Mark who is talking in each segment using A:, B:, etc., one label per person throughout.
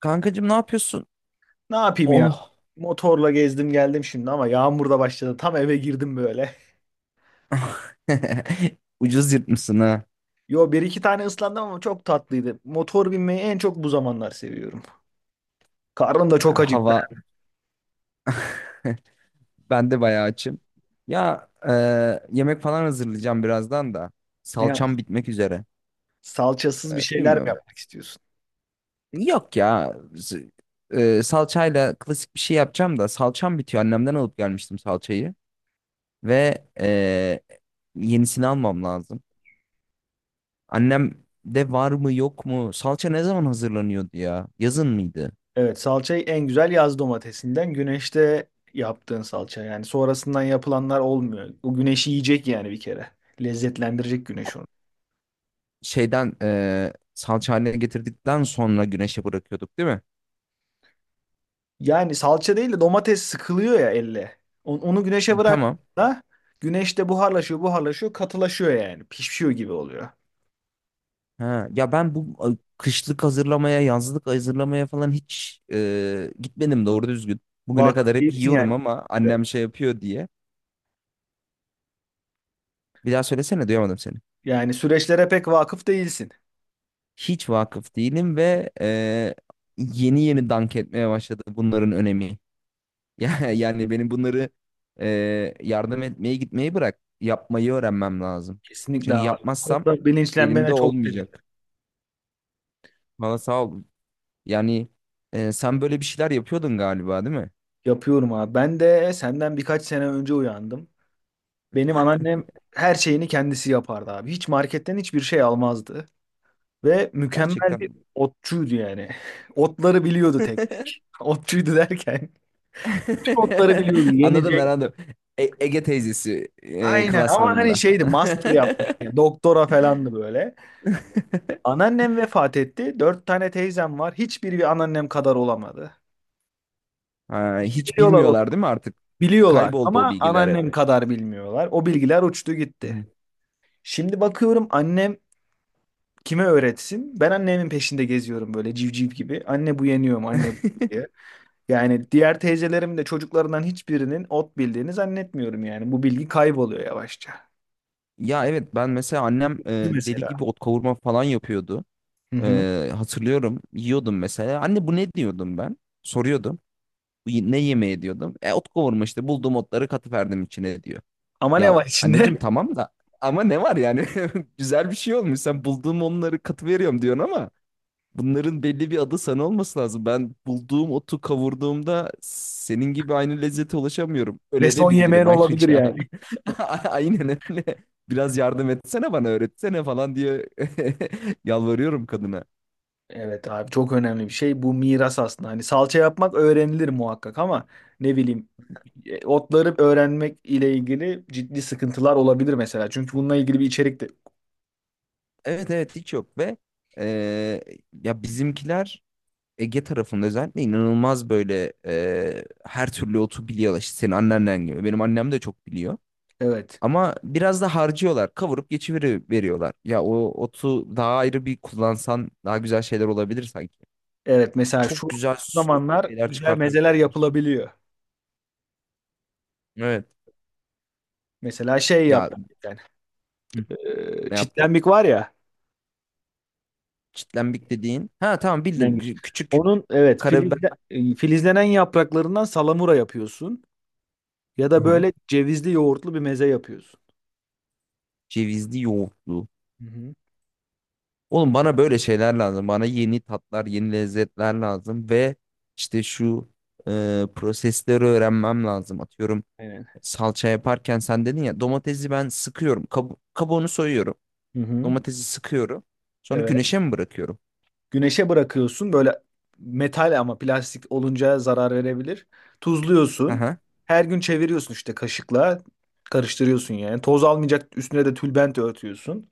A: Kankacığım ne yapıyorsun?
B: Ne yapayım ya?
A: Oh.
B: Motorla gezdim geldim şimdi ama yağmur da başladı. Tam eve girdim böyle.
A: Ucuz yırtmışsın ha.
B: Yo bir iki tane ıslandım ama çok tatlıydı. Motor binmeyi en çok bu zamanlar seviyorum. Karnım da çok acıktı.
A: Hava. Ben de bayağı açım. Ya yemek falan hazırlayacağım birazdan da.
B: Ne yap-
A: Salçam bitmek üzere.
B: Salçasız bir
A: E,
B: şeyler mi
A: bilmiyorum.
B: yapmak istiyorsun?
A: Yok ya. Salçayla klasik bir şey yapacağım da salçam bitiyor. Annemden alıp gelmiştim salçayı. Ve yenisini almam lazım. Annem de var mı yok mu? Salça ne zaman hazırlanıyordu ya? Yazın mıydı?
B: Evet, salçayı en güzel yaz domatesinden güneşte yaptığın salça. Yani sonrasından yapılanlar olmuyor. O güneşi yiyecek yani bir kere. Lezzetlendirecek güneş onu.
A: Şeyden salça haline getirdikten sonra güneşe bırakıyorduk değil mi?
B: Yani salça değil de domates sıkılıyor ya elle. Onu güneşe
A: Tamam.
B: bıraktığında güneşte buharlaşıyor, buharlaşıyor, katılaşıyor yani. Pişiyor gibi oluyor.
A: Ha, ya ben bu kışlık hazırlamaya, yazlık hazırlamaya falan hiç gitmedim doğru düzgün. Bugüne
B: Vakıf
A: kadar hep
B: değilsin
A: yiyorum
B: yani.
A: ama annem şey yapıyor diye. Bir daha söylesene duyamadım seni.
B: Yani süreçlere pek vakıf değilsin.
A: Hiç vakıf değilim ve yeni yeni dank etmeye başladı bunların önemi. Yani benim bunları e, yardım etmeye gitmeyi bırak. Yapmayı öğrenmem lazım.
B: Kesinlikle
A: Çünkü
B: abi. Bu
A: yapmazsam
B: konuda
A: elimde
B: bilinçlenmene çok sevindim.
A: olmayacak. Valla sağ ol. Yani sen böyle bir şeyler yapıyordun galiba değil mi?
B: Yapıyorum abi. Ben de senden birkaç sene önce uyandım. Benim anneannem her şeyini kendisi yapardı abi. Hiç marketten hiçbir şey almazdı. Ve mükemmel bir
A: Gerçekten.
B: otçuydu yani. Otları biliyordu tek tek. Otçuydu derken. Tüm otları biliyordu
A: Anladım
B: yenecek.
A: ben anladım. Ege teyzesi
B: Aynen, ama hani
A: klasmanında.
B: şeydi, master yapmış. Yani. Doktora falandı böyle. Anneannem vefat etti. Dört tane teyzem var. Hiçbiri bir anneannem kadar olamadı.
A: Ha,
B: Hepsi
A: hiç
B: biliyorlar otu.
A: bilmiyorlar değil mi artık?
B: Biliyorlar
A: Kayboldu o
B: ama
A: bilgiler hep.
B: anneannem kadar bilmiyorlar. O bilgiler uçtu gitti.
A: Hı.
B: Şimdi bakıyorum annem, kime öğretsin? Ben annemin peşinde geziyorum böyle civciv gibi. Anne bu yeniyor mu? Anne bu diye. Yani diğer teyzelerimin de çocuklarından hiçbirinin ot bildiğini zannetmiyorum yani. Bu bilgi kayboluyor yavaşça.
A: Ya evet ben mesela annem
B: Şu
A: deli
B: mesela.
A: gibi ot kavurma falan yapıyordu.
B: Hı hı.
A: E, hatırlıyorum yiyordum mesela. Anne bu ne diyordum ben? Soruyordum. "Bu Ne yemeği diyordum. E, ot kavurma işte bulduğum otları katıverdim içine diyor.
B: Ama ne
A: Ya
B: var
A: anneciğim
B: içinde?
A: tamam da ama ne var yani? Güzel bir şey olmuş. Sen bulduğum onları katı veriyorum diyorsun ama bunların belli bir adı sana olması lazım. Ben bulduğum otu kavurduğumda senin gibi aynı lezzete ulaşamıyorum.
B: Ve
A: Öyle
B: son
A: de
B: yemeğin
A: bilirim
B: olabilir
A: ayrıca.
B: yani.
A: Aynen öyle. Biraz yardım etsene bana öğretsene falan diye yalvarıyorum kadına.
B: Evet abi, çok önemli bir şey. Bu miras aslında. Hani salça yapmak öğrenilir muhakkak ama ne bileyim, otları öğrenmek ile ilgili ciddi sıkıntılar olabilir mesela. Çünkü bununla ilgili bir içerik de...
A: Evet evet hiç yok ve e, ya bizimkiler Ege tarafında özellikle inanılmaz böyle her türlü otu biliyorlar. İşte senin annenden gibi. Benim annem de çok biliyor.
B: Evet.
A: Ama biraz da harcıyorlar. Kavurup geçiveri veriyorlar. Ya o otu daha ayrı bir kullansan daha güzel şeyler olabilir sanki.
B: Evet, mesela
A: Çok
B: şu
A: güzel soslu
B: zamanlar
A: şeyler
B: güzel mezeler
A: çıkartabilirler.
B: yapılabiliyor.
A: Evet.
B: Mesela şey
A: Ya
B: yaptık bir tane.
A: hı, ne yaptın?
B: Çitlenmik var ya.
A: Çitlenbik dediğin. Ha tamam bildim.
B: Çitlenmik.
A: Küçük
B: Onun, evet,
A: karabiber.
B: filizlenen yapraklarından salamura yapıyorsun. Ya da
A: Aha.
B: böyle cevizli yoğurtlu bir meze yapıyorsun.
A: Cevizli yoğurtlu.
B: Hı hı.
A: Oğlum bana böyle şeyler lazım. Bana yeni tatlar, yeni lezzetler lazım ve işte şu prosesleri öğrenmem lazım. Atıyorum
B: Aynen.
A: salça yaparken sen dedin ya domatesi ben sıkıyorum. Kabuğunu soyuyorum.
B: Hı hı.
A: Domatesi sıkıyorum. Sonra
B: Evet.
A: güneşe mi bırakıyorum?
B: Güneşe bırakıyorsun böyle metal, ama plastik olunca zarar verebilir. Tuzluyorsun.
A: Aha.
B: Her gün çeviriyorsun işte kaşıkla. Karıştırıyorsun yani. Toz almayacak üstüne de tülbent örtüyorsun.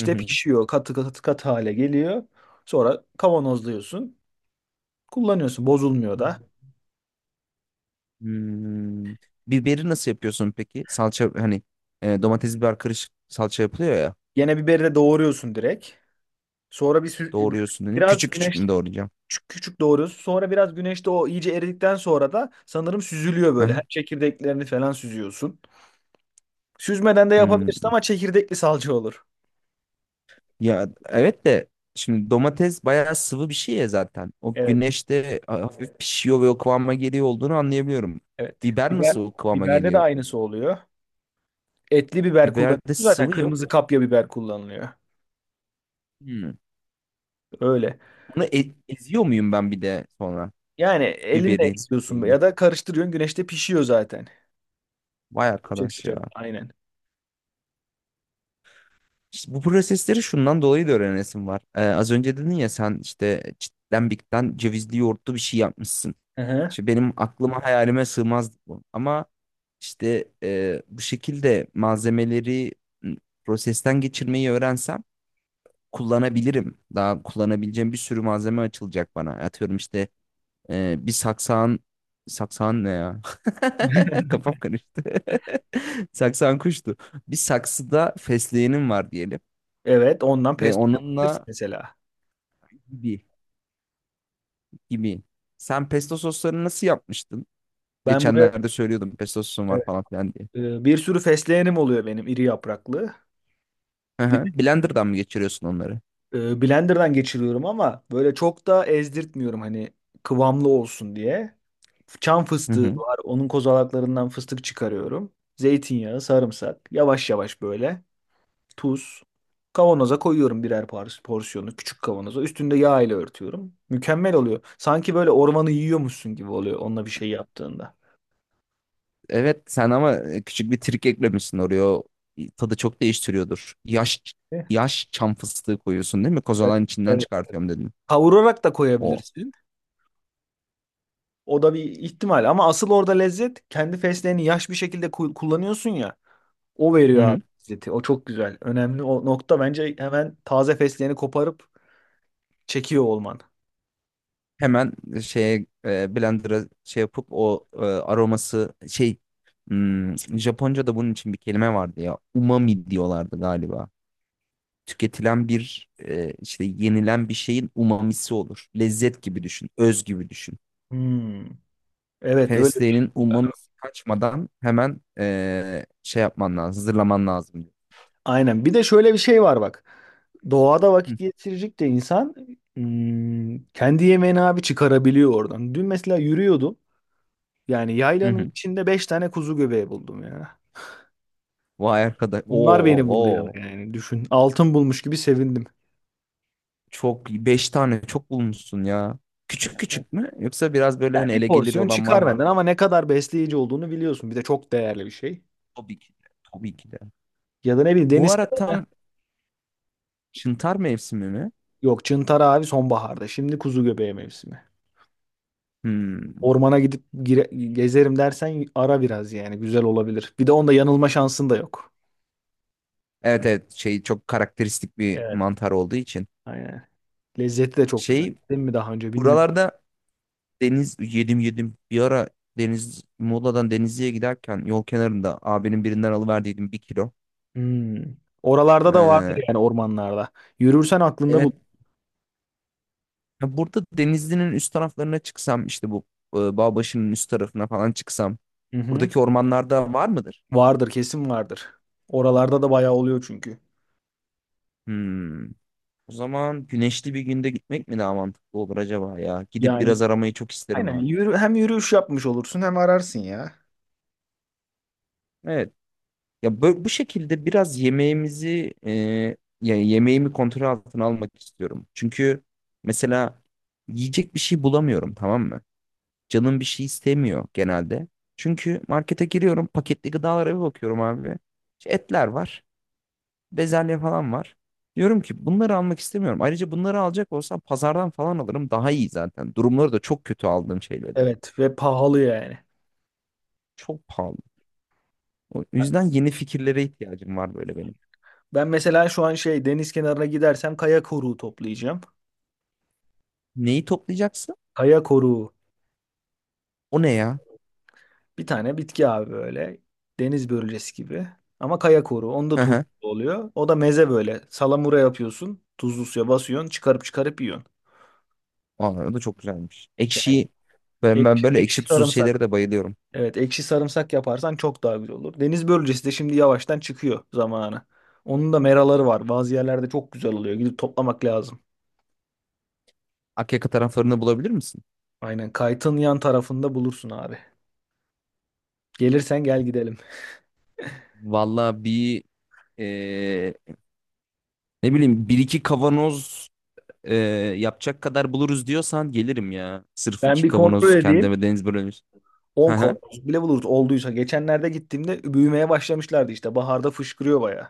A: Hı hı.
B: pişiyor. Katı katı katı hale geliyor. Sonra kavanozluyorsun. Kullanıyorsun. Bozulmuyor
A: Hı.
B: da.
A: Hmm. Biberi nasıl yapıyorsun peki? Salça hani domates biber karışık salça yapılıyor ya.
B: Yine biberi de doğruyorsun direkt. Sonra
A: Doğruyorsun dedin.
B: biraz
A: Küçük küçük
B: güneşte
A: mü doğrayacağım?
B: küçük küçük doğruyorsun. Sonra biraz güneşte o iyice eridikten sonra da sanırım süzülüyor böyle.
A: Aha.
B: Her çekirdeklerini falan süzüyorsun. Süzmeden de yapabilirsin
A: Hmm.
B: ama çekirdekli salça olur.
A: Ya evet de şimdi domates bayağı sıvı bir şey ya zaten. O
B: Evet,
A: güneşte hafif pişiyor ve o kıvama geliyor olduğunu anlayabiliyorum.
B: evet.
A: Biber nasıl o kıvama
B: Biberde de
A: geliyor?
B: aynısı oluyor. Etli biber
A: Biberde
B: kullanıyorsun zaten.
A: sıvı yok.
B: Kırmızı kapya biber kullanılıyor.
A: Hmm.
B: Öyle.
A: Onu eziyor muyum ben bir de sonra
B: Yani elinle
A: biberin
B: eziyorsun
A: şeyini?
B: ya da karıştırıyorsun, güneşte pişiyor zaten.
A: Vay
B: Yüksek
A: arkadaş
B: sıcak
A: ya.
B: aynen.
A: İşte bu prosesleri şundan dolayı da öğrenesim var. Az önce dedin ya sen işte çitten bikten cevizli yoğurtlu bir şey yapmışsın.
B: Hı hı.
A: İşte benim aklıma hayalime sığmazdı bu. Ama işte bu şekilde malzemeleri m, prosesten geçirmeyi öğrensem kullanabilirim. Daha kullanabileceğim bir sürü malzeme açılacak bana. Atıyorum işte bir saksağın saksağın ne ya? Kafam karıştı. Saksağın kuştu. Bir saksıda fesleğenim var diyelim
B: Evet, ondan
A: ve
B: pesto yapabilirsin
A: onunla
B: mesela.
A: gibi gibi. Sen pesto soslarını nasıl yapmıştın?
B: Ben buraya
A: Geçenlerde söylüyordum pesto sosum var
B: evet,
A: falan filan diye.
B: e, bir sürü fesleğenim oluyor benim iri yapraklı.
A: Hı
B: Bir
A: hı. Blender'dan mı geçiriyorsun onları?
B: de, e, blenderdan geçiriyorum ama böyle çok da ezdirtmiyorum, hani kıvamlı olsun diye. Çam
A: Hı
B: fıstığı
A: hı.
B: var, onun kozalaklarından fıstık çıkarıyorum. Zeytinyağı, sarımsak yavaş yavaş böyle. Tuz. Kavanoza koyuyorum birer porsiyonu küçük kavanoza. Üstünde yağ ile örtüyorum. Mükemmel oluyor. Sanki böyle ormanı yiyormuşsun gibi oluyor onunla bir şey yaptığında.
A: Evet sen ama küçük bir trik eklemişsin oraya. O tadı çok değiştiriyordur. Yaş
B: Evet.
A: yaş çam fıstığı koyuyorsun değil mi? Kozalan içinden
B: Evet.
A: çıkartıyorum dedin.
B: Kavurarak da
A: O.
B: koyabilirsin. O da bir ihtimal, ama asıl orada lezzet, kendi fesleğeni yaş bir şekilde kullanıyorsun ya. O
A: Hı
B: veriyor abi
A: hı.
B: lezzeti. O çok güzel. Önemli o nokta bence, hemen taze fesleğeni koparıp çekiyor olman.
A: Hemen şeye blender'a şey yapıp o aroması şey Japonca'da bunun için bir kelime vardı ya. Umami diyorlardı galiba. Tüketilen bir işte yenilen bir şeyin umamisi olur. Lezzet gibi düşün, öz gibi düşün.
B: Hmm. Evet öyle.
A: Fesleğinin ummamisi kaçmadan hemen şey yapman lazım, hazırlaman lazım diyor.
B: Aynen. Bir de şöyle bir şey var bak. Doğada vakit
A: Hı
B: geçirecek de insan, kendi yemeğini abi çıkarabiliyor oradan. Dün mesela yürüyordum. Yani
A: hı.
B: yaylanın
A: Hı.
B: içinde 5 tane kuzu göbeği buldum ya.
A: Vay arkadaş.
B: Onlar
A: Oo,
B: beni buldu ya,
A: oo.
B: yani düşün. Altın bulmuş gibi sevindim.
A: Çok beş tane çok bulmuşsun ya.
B: Yani,
A: Küçük küçük mü? Yoksa biraz böyle
B: yani,
A: hani
B: bir
A: ele gelir
B: porsiyon
A: olan var
B: çıkar
A: mı?
B: benden ama ne kadar besleyici olduğunu biliyorsun. Bir de çok değerli bir şey.
A: Tabii ki de. Tabii ki de.
B: Ya da ne bileyim,
A: Bu
B: deniz
A: ara
B: kenarı.
A: tam çıntar mevsimi mi?
B: Yok, çıntar abi sonbaharda. Şimdi kuzu göbeği mevsimi.
A: Hmm.
B: Ormana gidip gezerim dersen, ara biraz yani, güzel olabilir. Bir de onda yanılma şansın da yok.
A: Evet evet şey çok karakteristik bir
B: Evet.
A: mantar olduğu için.
B: Aynen. Lezzeti de çok güzel.
A: Şey
B: Değil mi, daha önce bilmiyorum.
A: buralarda Deniz yedim yedim. Bir ara Deniz Muğla'dan Denizli'ye giderken yol kenarında abinin birinden alıverdiydim bir kilo.
B: Hmm. Oralarda da vardır
A: Ee,
B: yani, ormanlarda. Yürürsen aklında bul.
A: evet ya burada Denizli'nin üst taraflarına çıksam işte bu Bağbaşı'nın üst tarafına falan çıksam
B: Hı hı.
A: buradaki ormanlarda var mıdır?
B: Vardır, kesin vardır. Oralarda da bayağı oluyor çünkü.
A: Hmm. O zaman güneşli bir günde gitmek mi daha mantıklı olur acaba ya? Gidip
B: Yani
A: biraz aramayı çok isterim
B: aynen
A: ha.
B: yürü, hem yürüyüş yapmış olursun hem ararsın ya.
A: Evet. Ya bu şekilde biraz yemeğimizi ya yemeğimi kontrol altına almak istiyorum. Çünkü mesela yiyecek bir şey bulamıyorum tamam mı? Canım bir şey istemiyor genelde. Çünkü markete giriyorum paketli gıdalara bir bakıyorum abi. İşte etler var, bezelye falan var. Diyorum ki bunları almak istemiyorum. Ayrıca bunları alacak olsam pazardan falan alırım daha iyi zaten. Durumları da çok kötü aldığım şeyler.
B: Evet, ve pahalı yani.
A: Çok pahalı. O yüzden yeni fikirlere ihtiyacım var böyle benim.
B: Ben mesela şu an şey, deniz kenarına gidersem kaya koruğu toplayacağım.
A: Neyi toplayacaksın?
B: Kaya koruğu.
A: O ne ya?
B: Bir tane bitki abi böyle. Deniz börülcesi gibi. Ama kaya koru. Onda turşu oluyor. O da meze böyle. Salamura yapıyorsun. Tuzlu suya basıyorsun. Çıkarıp çıkarıp yiyorsun.
A: Vallahi o da çok güzelmiş.
B: Yani
A: Ekşiyi ben
B: ekşi,
A: böyle
B: ekşi
A: ekşi tuzlu
B: sarımsak.
A: şeylere de bayılıyorum.
B: Evet, ekşi sarımsak yaparsan çok daha güzel olur. Deniz börülcesi de şimdi yavaştan çıkıyor zamanı. Onun da meraları var. Bazı yerlerde çok güzel oluyor. Gidip toplamak lazım.
A: Akyaka taraflarını bulabilir misin?
B: Aynen, kaytın yan tarafında bulursun abi. Gelirsen gel gidelim.
A: Vallahi bir eee, ne bileyim bir iki kavanoz eee, yapacak kadar buluruz diyorsan gelirim ya. Sırf
B: Ben
A: iki
B: bir kontrol
A: kavanoz
B: edeyim.
A: kendime deniz börülmüş. Hı
B: 10
A: hı.
B: kavanoz bile buluruz olduysa. Geçenlerde gittiğimde büyümeye başlamışlardı işte. Baharda fışkırıyor bayağı.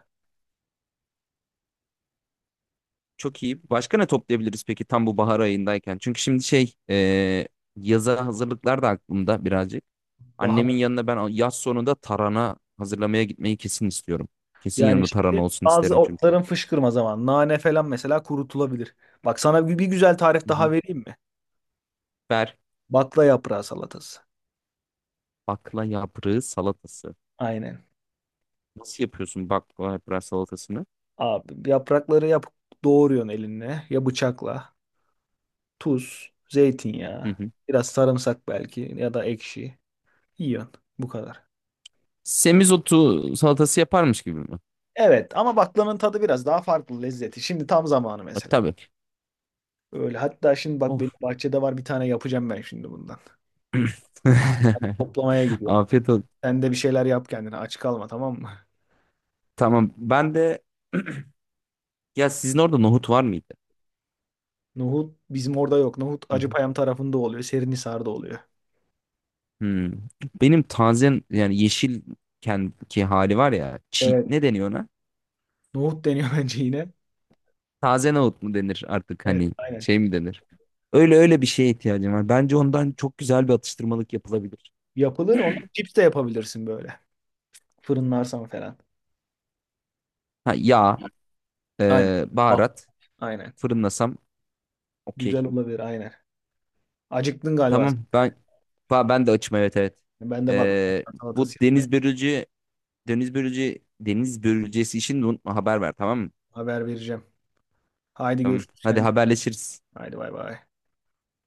A: Çok iyi. Başka ne toplayabiliriz peki tam bu bahar ayındayken? Çünkü şimdi şey yaza hazırlıklar da aklımda birazcık.
B: Bahar.
A: Annemin yanına ben yaz sonunda tarhana hazırlamaya gitmeyi kesin istiyorum. Kesin
B: Yani
A: yanımda tarhana
B: şimdi
A: olsun
B: bazı
A: isterim çünkü.
B: otların fışkırma zamanı. Nane falan mesela kurutulabilir. Bak sana bir güzel tarif daha vereyim mi?
A: Ver
B: Bakla yaprağı salatası.
A: bakla yaprağı salatası.
B: Aynen.
A: Nasıl yapıyorsun bakla yaprağı salatasını?
B: Abi yaprakları doğruyorsun elinle ya bıçakla. Tuz,
A: Hı
B: zeytinyağı,
A: hı.
B: biraz sarımsak belki ya da ekşi. Yiyorsun. Bu kadar.
A: Semizotu salatası yaparmış gibi mi?
B: Evet, ama baklanın tadı biraz daha farklı lezzeti. Şimdi tam zamanı
A: E,
B: mesela.
A: tabii.
B: Öyle. Hatta şimdi bak, benim
A: Of.
B: bahçede var bir tane, yapacağım ben şimdi bundan. Ben toplamaya gidiyorum.
A: Afiyet olsun.
B: Sen de bir şeyler yap kendine. Aç kalma, tamam mı?
A: Tamam. Ben de ya sizin orada nohut var mıydı?
B: Nohut bizim orada yok. Nohut
A: Hı hı.
B: Acıpayam tarafında oluyor. Serinhisar'da oluyor.
A: Hmm. Benim taze yani yeşilken ki hali var ya
B: Evet.
A: ne deniyor ona?
B: Nohut deniyor bence yine.
A: Taze nohut mu denir artık
B: Evet,
A: hani
B: aynen.
A: şey mi denir? Öyle öyle bir şeye ihtiyacım var. Bence ondan çok güzel bir atıştırmalık yapılabilir.
B: Yapılır. Onu cips de yapabilirsin böyle. Fırınlarsan falan.
A: Ha, yağ.
B: Aynen.
A: Ee,
B: Bak.
A: baharat.
B: Aynen.
A: Fırınlasam
B: Güzel
A: okey.
B: olabilir aynen. Acıktın galiba
A: Tamam ben ben de açım evet evet.
B: sen. Ben de bak,
A: Ee, bu
B: salatası yapmaya...
A: deniz börülce deniz börülce deniz börülcesi için de unutma haber ver tamam mı?
B: Haber vereceğim. Haydi
A: Tamam.
B: görüşürüz,
A: Hadi
B: kendine.
A: haberleşiriz.
B: Haydi bay bay.